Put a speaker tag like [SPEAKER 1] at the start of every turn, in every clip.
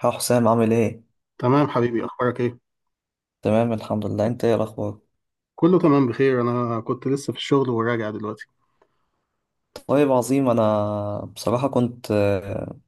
[SPEAKER 1] ها حسام عامل ايه؟
[SPEAKER 2] تمام حبيبي، اخبارك ايه؟
[SPEAKER 1] تمام الحمد لله، انت ايه الاخبار؟
[SPEAKER 2] كله تمام، بخير. انا كنت لسه في الشغل وراجع دلوقتي.
[SPEAKER 1] طيب عظيم. انا بصراحة كنت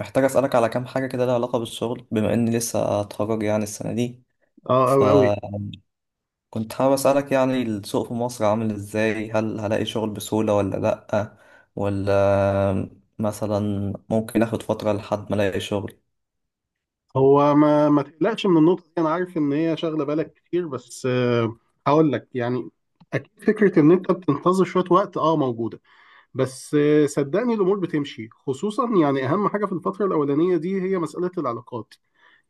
[SPEAKER 1] محتاج اسألك على كام حاجة كده، لها علاقة بالشغل، بما اني لسه اتخرج يعني السنة دي.
[SPEAKER 2] اه اوي اوي.
[SPEAKER 1] فكنت حابب اسألك، يعني السوق في مصر عامل ازاي؟ هل هلاقي شغل بسهولة ولا لأ؟ ولا مثلا ممكن اخد فترة لحد ما الاقي شغل؟
[SPEAKER 2] هو ما تقلقش من النقطه دي، انا عارف ان هي شاغله بالك كتير، بس هقول لك يعني اكيد فكره ان انت بتنتظر شويه وقت اه موجوده، بس صدقني الامور بتمشي. خصوصا يعني اهم حاجه في الفتره الاولانيه دي هي مساله العلاقات.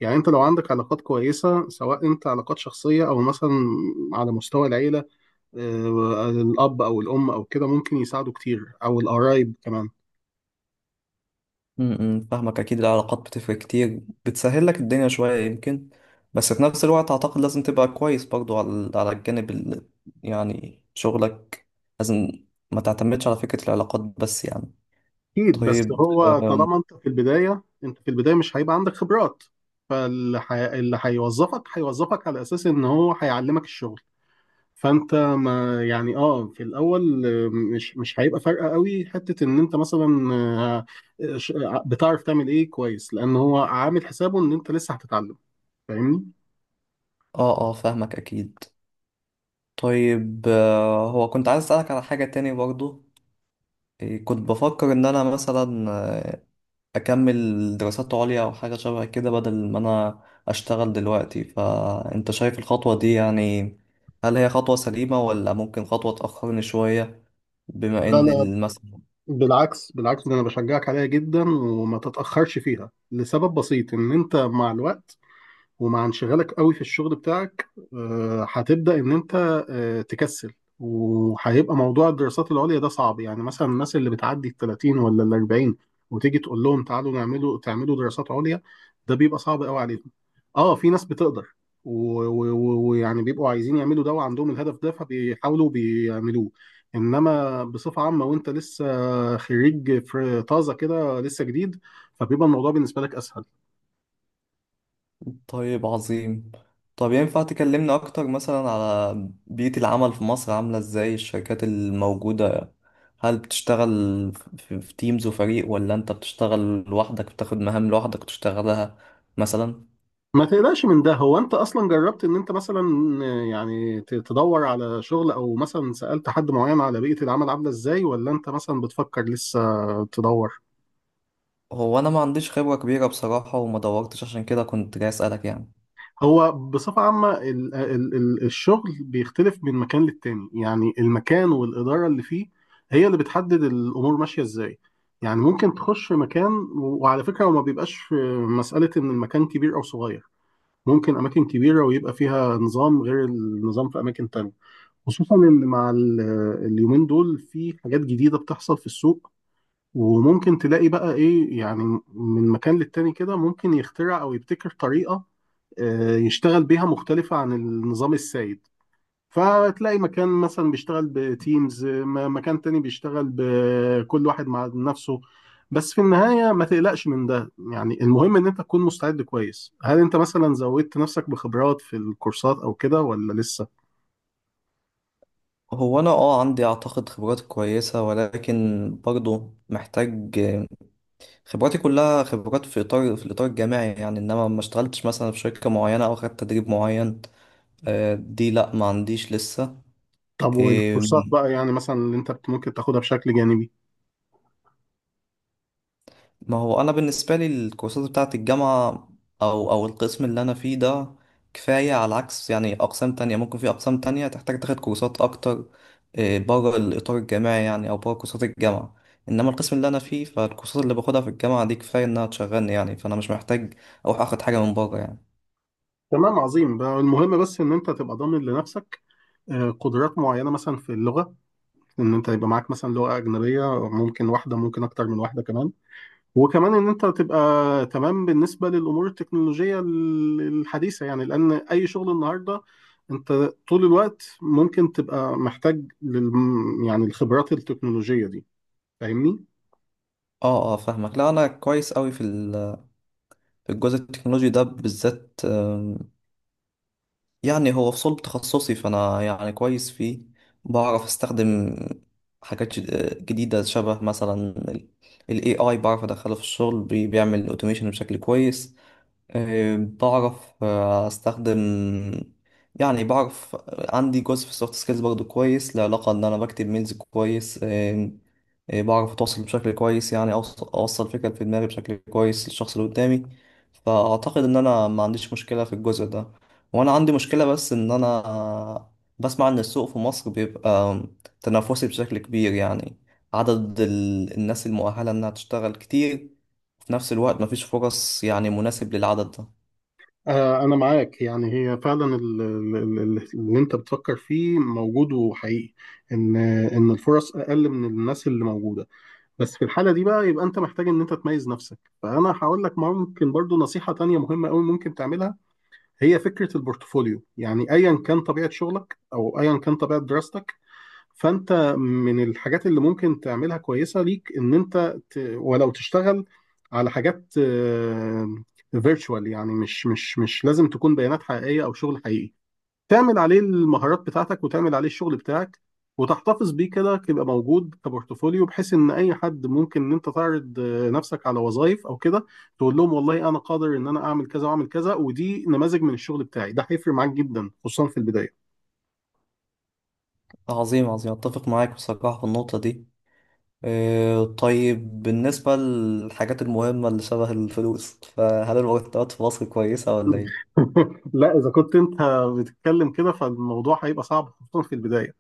[SPEAKER 2] يعني انت لو عندك علاقات كويسه، سواء انت علاقات شخصيه او مثلا على مستوى العيله، الاب او الام او كده، ممكن يساعدوا كتير، او القرايب كمان.
[SPEAKER 1] فاهمك، اكيد العلاقات بتفرق كتير، بتسهل لك الدنيا شوية يمكن. بس في نفس الوقت اعتقد لازم تبقى كويس برضو على الجانب يعني شغلك، لازم ما تعتمدش على فكرة العلاقات بس يعني.
[SPEAKER 2] اكيد، بس
[SPEAKER 1] طيب
[SPEAKER 2] هو طالما انت في البدايه، انت في البدايه مش هيبقى عندك خبرات. اللي هيوظفك هيوظفك على اساس ان هو هيعلمك الشغل. فانت ما يعني اه في الاول، مش هيبقى فارقه قوي حته ان انت مثلا بتعرف تعمل ايه كويس، لان هو عامل حسابه ان انت لسه هتتعلم. فاهمني؟
[SPEAKER 1] اه اه، فاهمك اكيد. طيب هو كنت عايز اسألك على حاجة تاني برضو. إيه، كنت بفكر ان انا مثلا اكمل دراسات عليا او حاجه شبه كده، بدل ما انا اشتغل دلوقتي. فانت شايف الخطوه دي يعني؟ هل هي خطوه سليمه، ولا ممكن خطوه تاخرني شويه، بما
[SPEAKER 2] لا
[SPEAKER 1] ان
[SPEAKER 2] لا،
[SPEAKER 1] المثل...
[SPEAKER 2] بالعكس بالعكس، ده انا بشجعك عليها جدا وما تتاخرش فيها، لسبب بسيط ان انت مع الوقت ومع انشغالك قوي في الشغل بتاعك، هتبدأ إن أنت تكسل. وهيبقى موضوع الدراسات العليا ده صعب. يعني مثلا الناس اللي بتعدي ال 30 ولا ال 40، وتيجي تقول لهم تعالوا تعملوا دراسات عليا، ده بيبقى صعب قوي عليهم. اه، في ناس بتقدر ويعني بيبقوا عايزين يعملوا ده وعندهم الهدف ده، فبيحاولوا بيعملوه. انما بصفة عامة وانت لسه خريج في طازة كده، لسه جديد، فبيبقى الموضوع بالنسبة لك اسهل.
[SPEAKER 1] طيب عظيم. طب ينفع تكلمنا اكتر مثلا على بيئه العمل في مصر، عامله ازاي الشركات الموجوده؟ هل بتشتغل في تيمز وفريق، ولا انت بتشتغل لوحدك، بتاخد مهام لوحدك وتشتغلها مثلا؟
[SPEAKER 2] ما تقلقش من ده. هو انت اصلا جربت ان انت مثلا يعني تدور على شغل، او مثلا سألت حد معين على بيئة العمل عاملة ازاي، ولا انت مثلا بتفكر لسه تدور؟
[SPEAKER 1] هو انا ما عنديش خبرة كبيرة بصراحة، وما دورتش، عشان كده كنت جاي اسألك يعني.
[SPEAKER 2] هو بصفة عامة ال ال ال الشغل بيختلف من مكان للتاني. يعني المكان والإدارة اللي فيه هي اللي بتحدد الأمور ماشية ازاي. يعني ممكن تخش مكان، وعلى فكرة، وما بيبقاش مسألة ان المكان كبير او صغير. ممكن اماكن كبيرة ويبقى فيها نظام غير النظام في اماكن تانية. خصوصا ان مع اليومين دول في حاجات جديده بتحصل في السوق، وممكن تلاقي بقى ايه يعني من مكان للتاني كده، ممكن يخترع او يبتكر طريقه يشتغل بيها مختلفه عن النظام السائد. فتلاقي مكان مثلا بيشتغل بتيمز، مكان تاني بيشتغل بكل واحد مع نفسه. بس في النهاية ما تقلقش من ده، يعني المهم ان انت تكون مستعد كويس. هل انت مثلا زودت نفسك بخبرات في الكورسات او كده، ولا لسه؟
[SPEAKER 1] هو انا عندي اعتقد خبرات كويسة، ولكن برضه محتاج. خبراتي كلها خبرات في الاطار الجامعي يعني، انما ما اشتغلتش مثلا في شركة معينة، او خدت تدريب معين. دي لا، ما عنديش لسه.
[SPEAKER 2] طب والكورسات
[SPEAKER 1] إيه،
[SPEAKER 2] بقى، يعني مثلا اللي انت ممكن تاخدها بشكل جانبي؟
[SPEAKER 1] ما هو انا بالنسبه لي الكورسات بتاعه الجامعه، او القسم اللي انا فيه ده، كفايه. على عكس يعني اقسام تانية ممكن، في اقسام تانية تحتاج تاخد كورسات اكتر بره الاطار الجامعي يعني، او بره كورسات الجامعه. انما القسم اللي انا فيه، فالكورسات اللي باخدها في الجامعه دي كفايه انها تشغلني يعني، فانا مش محتاج اروح اخد حاجه من بره يعني.
[SPEAKER 2] تمام عظيم بقى. المهم بس ان انت تبقى ضامن لنفسك قدرات معينة، مثلا في اللغة، ان انت يبقى معاك مثلا لغة أجنبية، ممكن واحدة ممكن أكتر من واحدة كمان. وكمان ان انت تبقى تمام بالنسبة للأمور التكنولوجية الحديثة، يعني لأن أي شغل النهاردة انت طول الوقت ممكن تبقى محتاج لل يعني الخبرات التكنولوجية دي. فاهمني؟
[SPEAKER 1] اه اه، فاهمك. لا انا كويس قوي في الجزء التكنولوجي ده بالذات، يعني هو في صلب تخصصي، فأنا يعني كويس فيه. بعرف أستخدم حاجات جديدة، شبه مثلا ال ال AI، بعرف أدخله في الشغل، بيعمل أوتوميشن بشكل كويس. آه، بعرف آه، استخدم، يعني بعرف. عندي جزء في السوفت سكيلز برضه كويس، له علاقة ان انا بكتب ميلز كويس. بعرف اتواصل بشكل كويس، يعني اوصل فكرة في دماغي بشكل كويس للشخص اللي قدامي، فاعتقد ان انا ما عنديش مشكلة في الجزء ده. وانا عندي مشكلة بس ان انا بسمع ان السوق في مصر بيبقى تنافسي بشكل كبير يعني، عدد الناس المؤهلة انها تشتغل كتير، في نفس الوقت مفيش فرص يعني مناسب للعدد ده.
[SPEAKER 2] أنا معاك. يعني هي فعلا اللي أنت بتفكر فيه موجود وحقيقي، إن الفرص أقل من الناس اللي موجودة. بس في الحالة دي بقى يبقى أنت محتاج إن أنت تميز نفسك. فأنا هقول لك ممكن برضو نصيحة تانية مهمة أوي ممكن تعملها، هي فكرة البورتفوليو. يعني أيا كان طبيعة شغلك أو أيا كان طبيعة دراستك، فانت من الحاجات اللي ممكن تعملها كويسه ليك ان انت ولو تشتغل على حاجات فيرتشوال، يعني مش لازم تكون بيانات حقيقيه او شغل حقيقي، تعمل عليه المهارات بتاعتك وتعمل عليه الشغل بتاعك وتحتفظ بيه كده، يبقى موجود كبورتفوليو، بحيث ان اي حد ممكن ان انت تعرض نفسك على وظائف او كده، تقول لهم والله انا قادر ان انا اعمل كذا واعمل كذا، ودي نماذج من الشغل بتاعي. ده هيفرق معاك جدا خصوصا في البدايه.
[SPEAKER 1] عظيم عظيم، أتفق معاك بصراحة في النقطة دي. طيب بالنسبة للحاجات المهمة اللي شبه الفلوس، فهل المرتبات في مصر كويسة ولا إيه؟
[SPEAKER 2] لا، اذا كنت انت بتتكلم كده فالموضوع هيبقى صعب خصوصا في البدايه.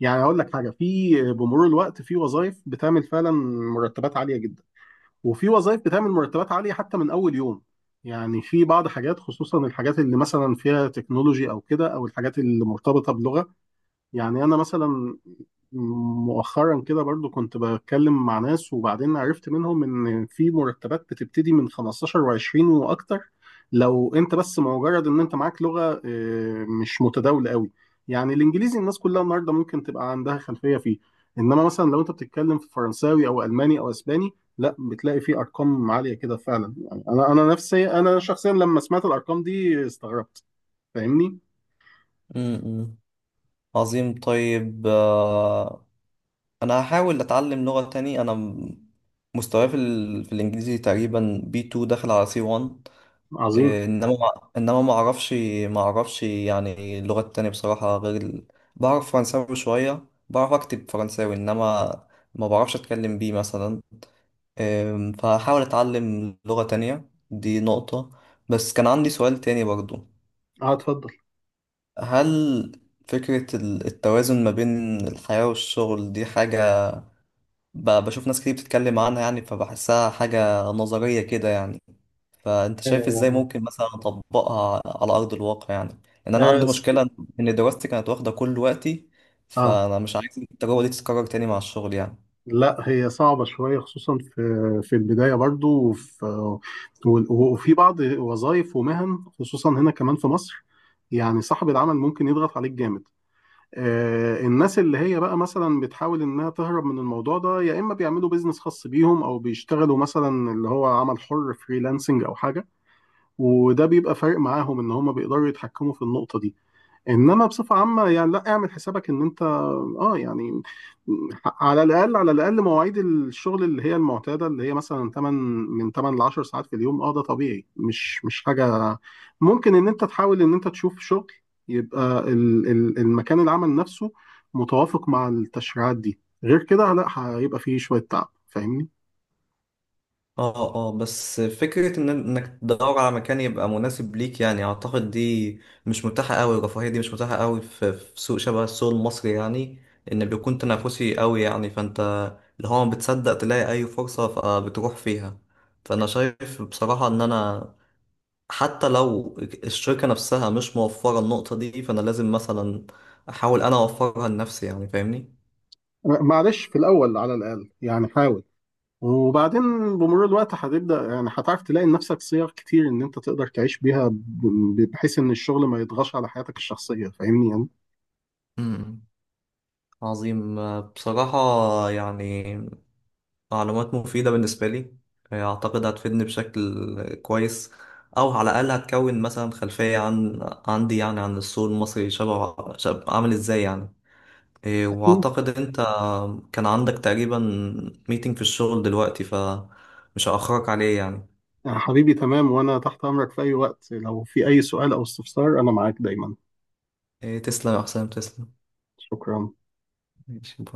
[SPEAKER 2] يعني هقول لك حاجه، في بمرور الوقت في وظائف بتعمل فعلا مرتبات عاليه جدا، وفي وظائف بتعمل مرتبات عاليه حتى من اول يوم. يعني في بعض حاجات خصوصا الحاجات اللي مثلا فيها تكنولوجي او كده، او الحاجات اللي مرتبطه بلغه. يعني انا مثلا مؤخرا كده برضو كنت بتكلم مع ناس، وبعدين عرفت منهم ان في مرتبات بتبتدي من 15 و20 واكتر، لو انت بس مجرد ان انت معاك لغة مش متداولة قوي. يعني الانجليزي الناس كلها النهارده ممكن تبقى عندها خلفية فيه، انما مثلا لو انت بتتكلم في فرنساوي او الماني او اسباني، لا بتلاقي فيه ارقام عالية كده فعلا. يعني انا نفسي، انا شخصيا، لما سمعت الارقام دي استغربت. فاهمني؟
[SPEAKER 1] م-م. عظيم. طيب أنا هحاول أتعلم لغة تاني. أنا مستواي في الإنجليزي تقريبا B2 داخل على C1.
[SPEAKER 2] عظيم.
[SPEAKER 1] إيه، انما ما اعرفش، يعني اللغات التانية بصراحة، غير ال... بعرف فرنساوي شوية، بعرف اكتب فرنساوي، انما ما بعرفش اتكلم بيه مثلا. إيه، فهحاول اتعلم لغة تانية، دي نقطة. بس كان عندي سؤال تاني برضو.
[SPEAKER 2] اه اتفضل.
[SPEAKER 1] هل فكرة التوازن ما بين الحياة والشغل دي حاجة، بشوف ناس كتير بتتكلم عنها يعني، فبحسها حاجة نظرية كده يعني. فانت شايف ازاي
[SPEAKER 2] آه،
[SPEAKER 1] ممكن مثلا اطبقها على ارض الواقع يعني؟ لان انا عندي
[SPEAKER 2] آه،
[SPEAKER 1] مشكله ان دراستي كانت واخده كل وقتي،
[SPEAKER 2] اه.
[SPEAKER 1] فانا مش عايز التجربه دي تتكرر تاني مع الشغل يعني.
[SPEAKER 2] لا هي صعبة شوية، خصوصا في في البداية برضو، وفي وفي بعض وظائف ومهن، خصوصا هنا كمان في مصر. يعني صاحب العمل ممكن يضغط عليك جامد. آه، الناس اللي هي بقى مثلا بتحاول انها تهرب من الموضوع ده، يا اما بيعملوا بيزنس خاص بيهم، او بيشتغلوا مثلا اللي هو عمل حر فريلانسنج او حاجة، وده بيبقى فارق معاهم ان هم بيقدروا يتحكموا في النقطة دي. انما بصفه عامه يعني لا، اعمل حسابك ان انت اه يعني على الاقل على الاقل مواعيد الشغل اللي هي المعتاده اللي هي مثلا 8، من 8 ل 10 ساعات في اليوم، اه ده طبيعي، مش حاجه. ممكن ان انت تحاول ان انت تشوف شغل يبقى المكان العمل نفسه متوافق مع التشريعات دي، غير كده لا، هيبقى فيه شويه تعب. فاهمني؟
[SPEAKER 1] اه اه، بس فكرة إنك تدور على مكان يبقى مناسب ليك يعني، أعتقد دي مش متاحة أوي، الرفاهية دي مش متاحة أوي في سوق شبه السوق المصري يعني، إن بيكون تنافسي أوي يعني، فأنت اللي هو ما بتصدق تلاقي أي فرصة فبتروح فيها. فأنا شايف بصراحة إن أنا حتى لو الشركة نفسها مش موفرة النقطة دي، فأنا لازم مثلا أحاول أنا أوفرها لنفسي يعني، فاهمني؟
[SPEAKER 2] معلش، في الاول على الاقل يعني حاول، وبعدين بمرور الوقت هتبدأ يعني هتعرف تلاقي لنفسك صيغ كتير ان انت تقدر تعيش بيها، بحيث ان الشغل ما يضغطش على حياتك الشخصية. فاهمني يعني؟
[SPEAKER 1] امم عظيم. بصراحة يعني معلومات مفيدة بالنسبة لي، أعتقد هتفيدني بشكل كويس، أو على الأقل هتكون مثلا خلفية عندي يعني عن السوق المصري شبه عامل إزاي يعني. إيه،
[SPEAKER 2] أكيد.
[SPEAKER 1] وأعتقد أنت كان عندك تقريبا ميتنج في الشغل دلوقتي، فمش هأخرك عليه يعني.
[SPEAKER 2] يا حبيبي تمام، وانا تحت امرك في اي وقت، لو في اي سؤال او استفسار انا معاك دايما.
[SPEAKER 1] إيه، تسلم يا حسام، تسلم.
[SPEAKER 2] شكرا.
[SPEAKER 1] ماشي، باي.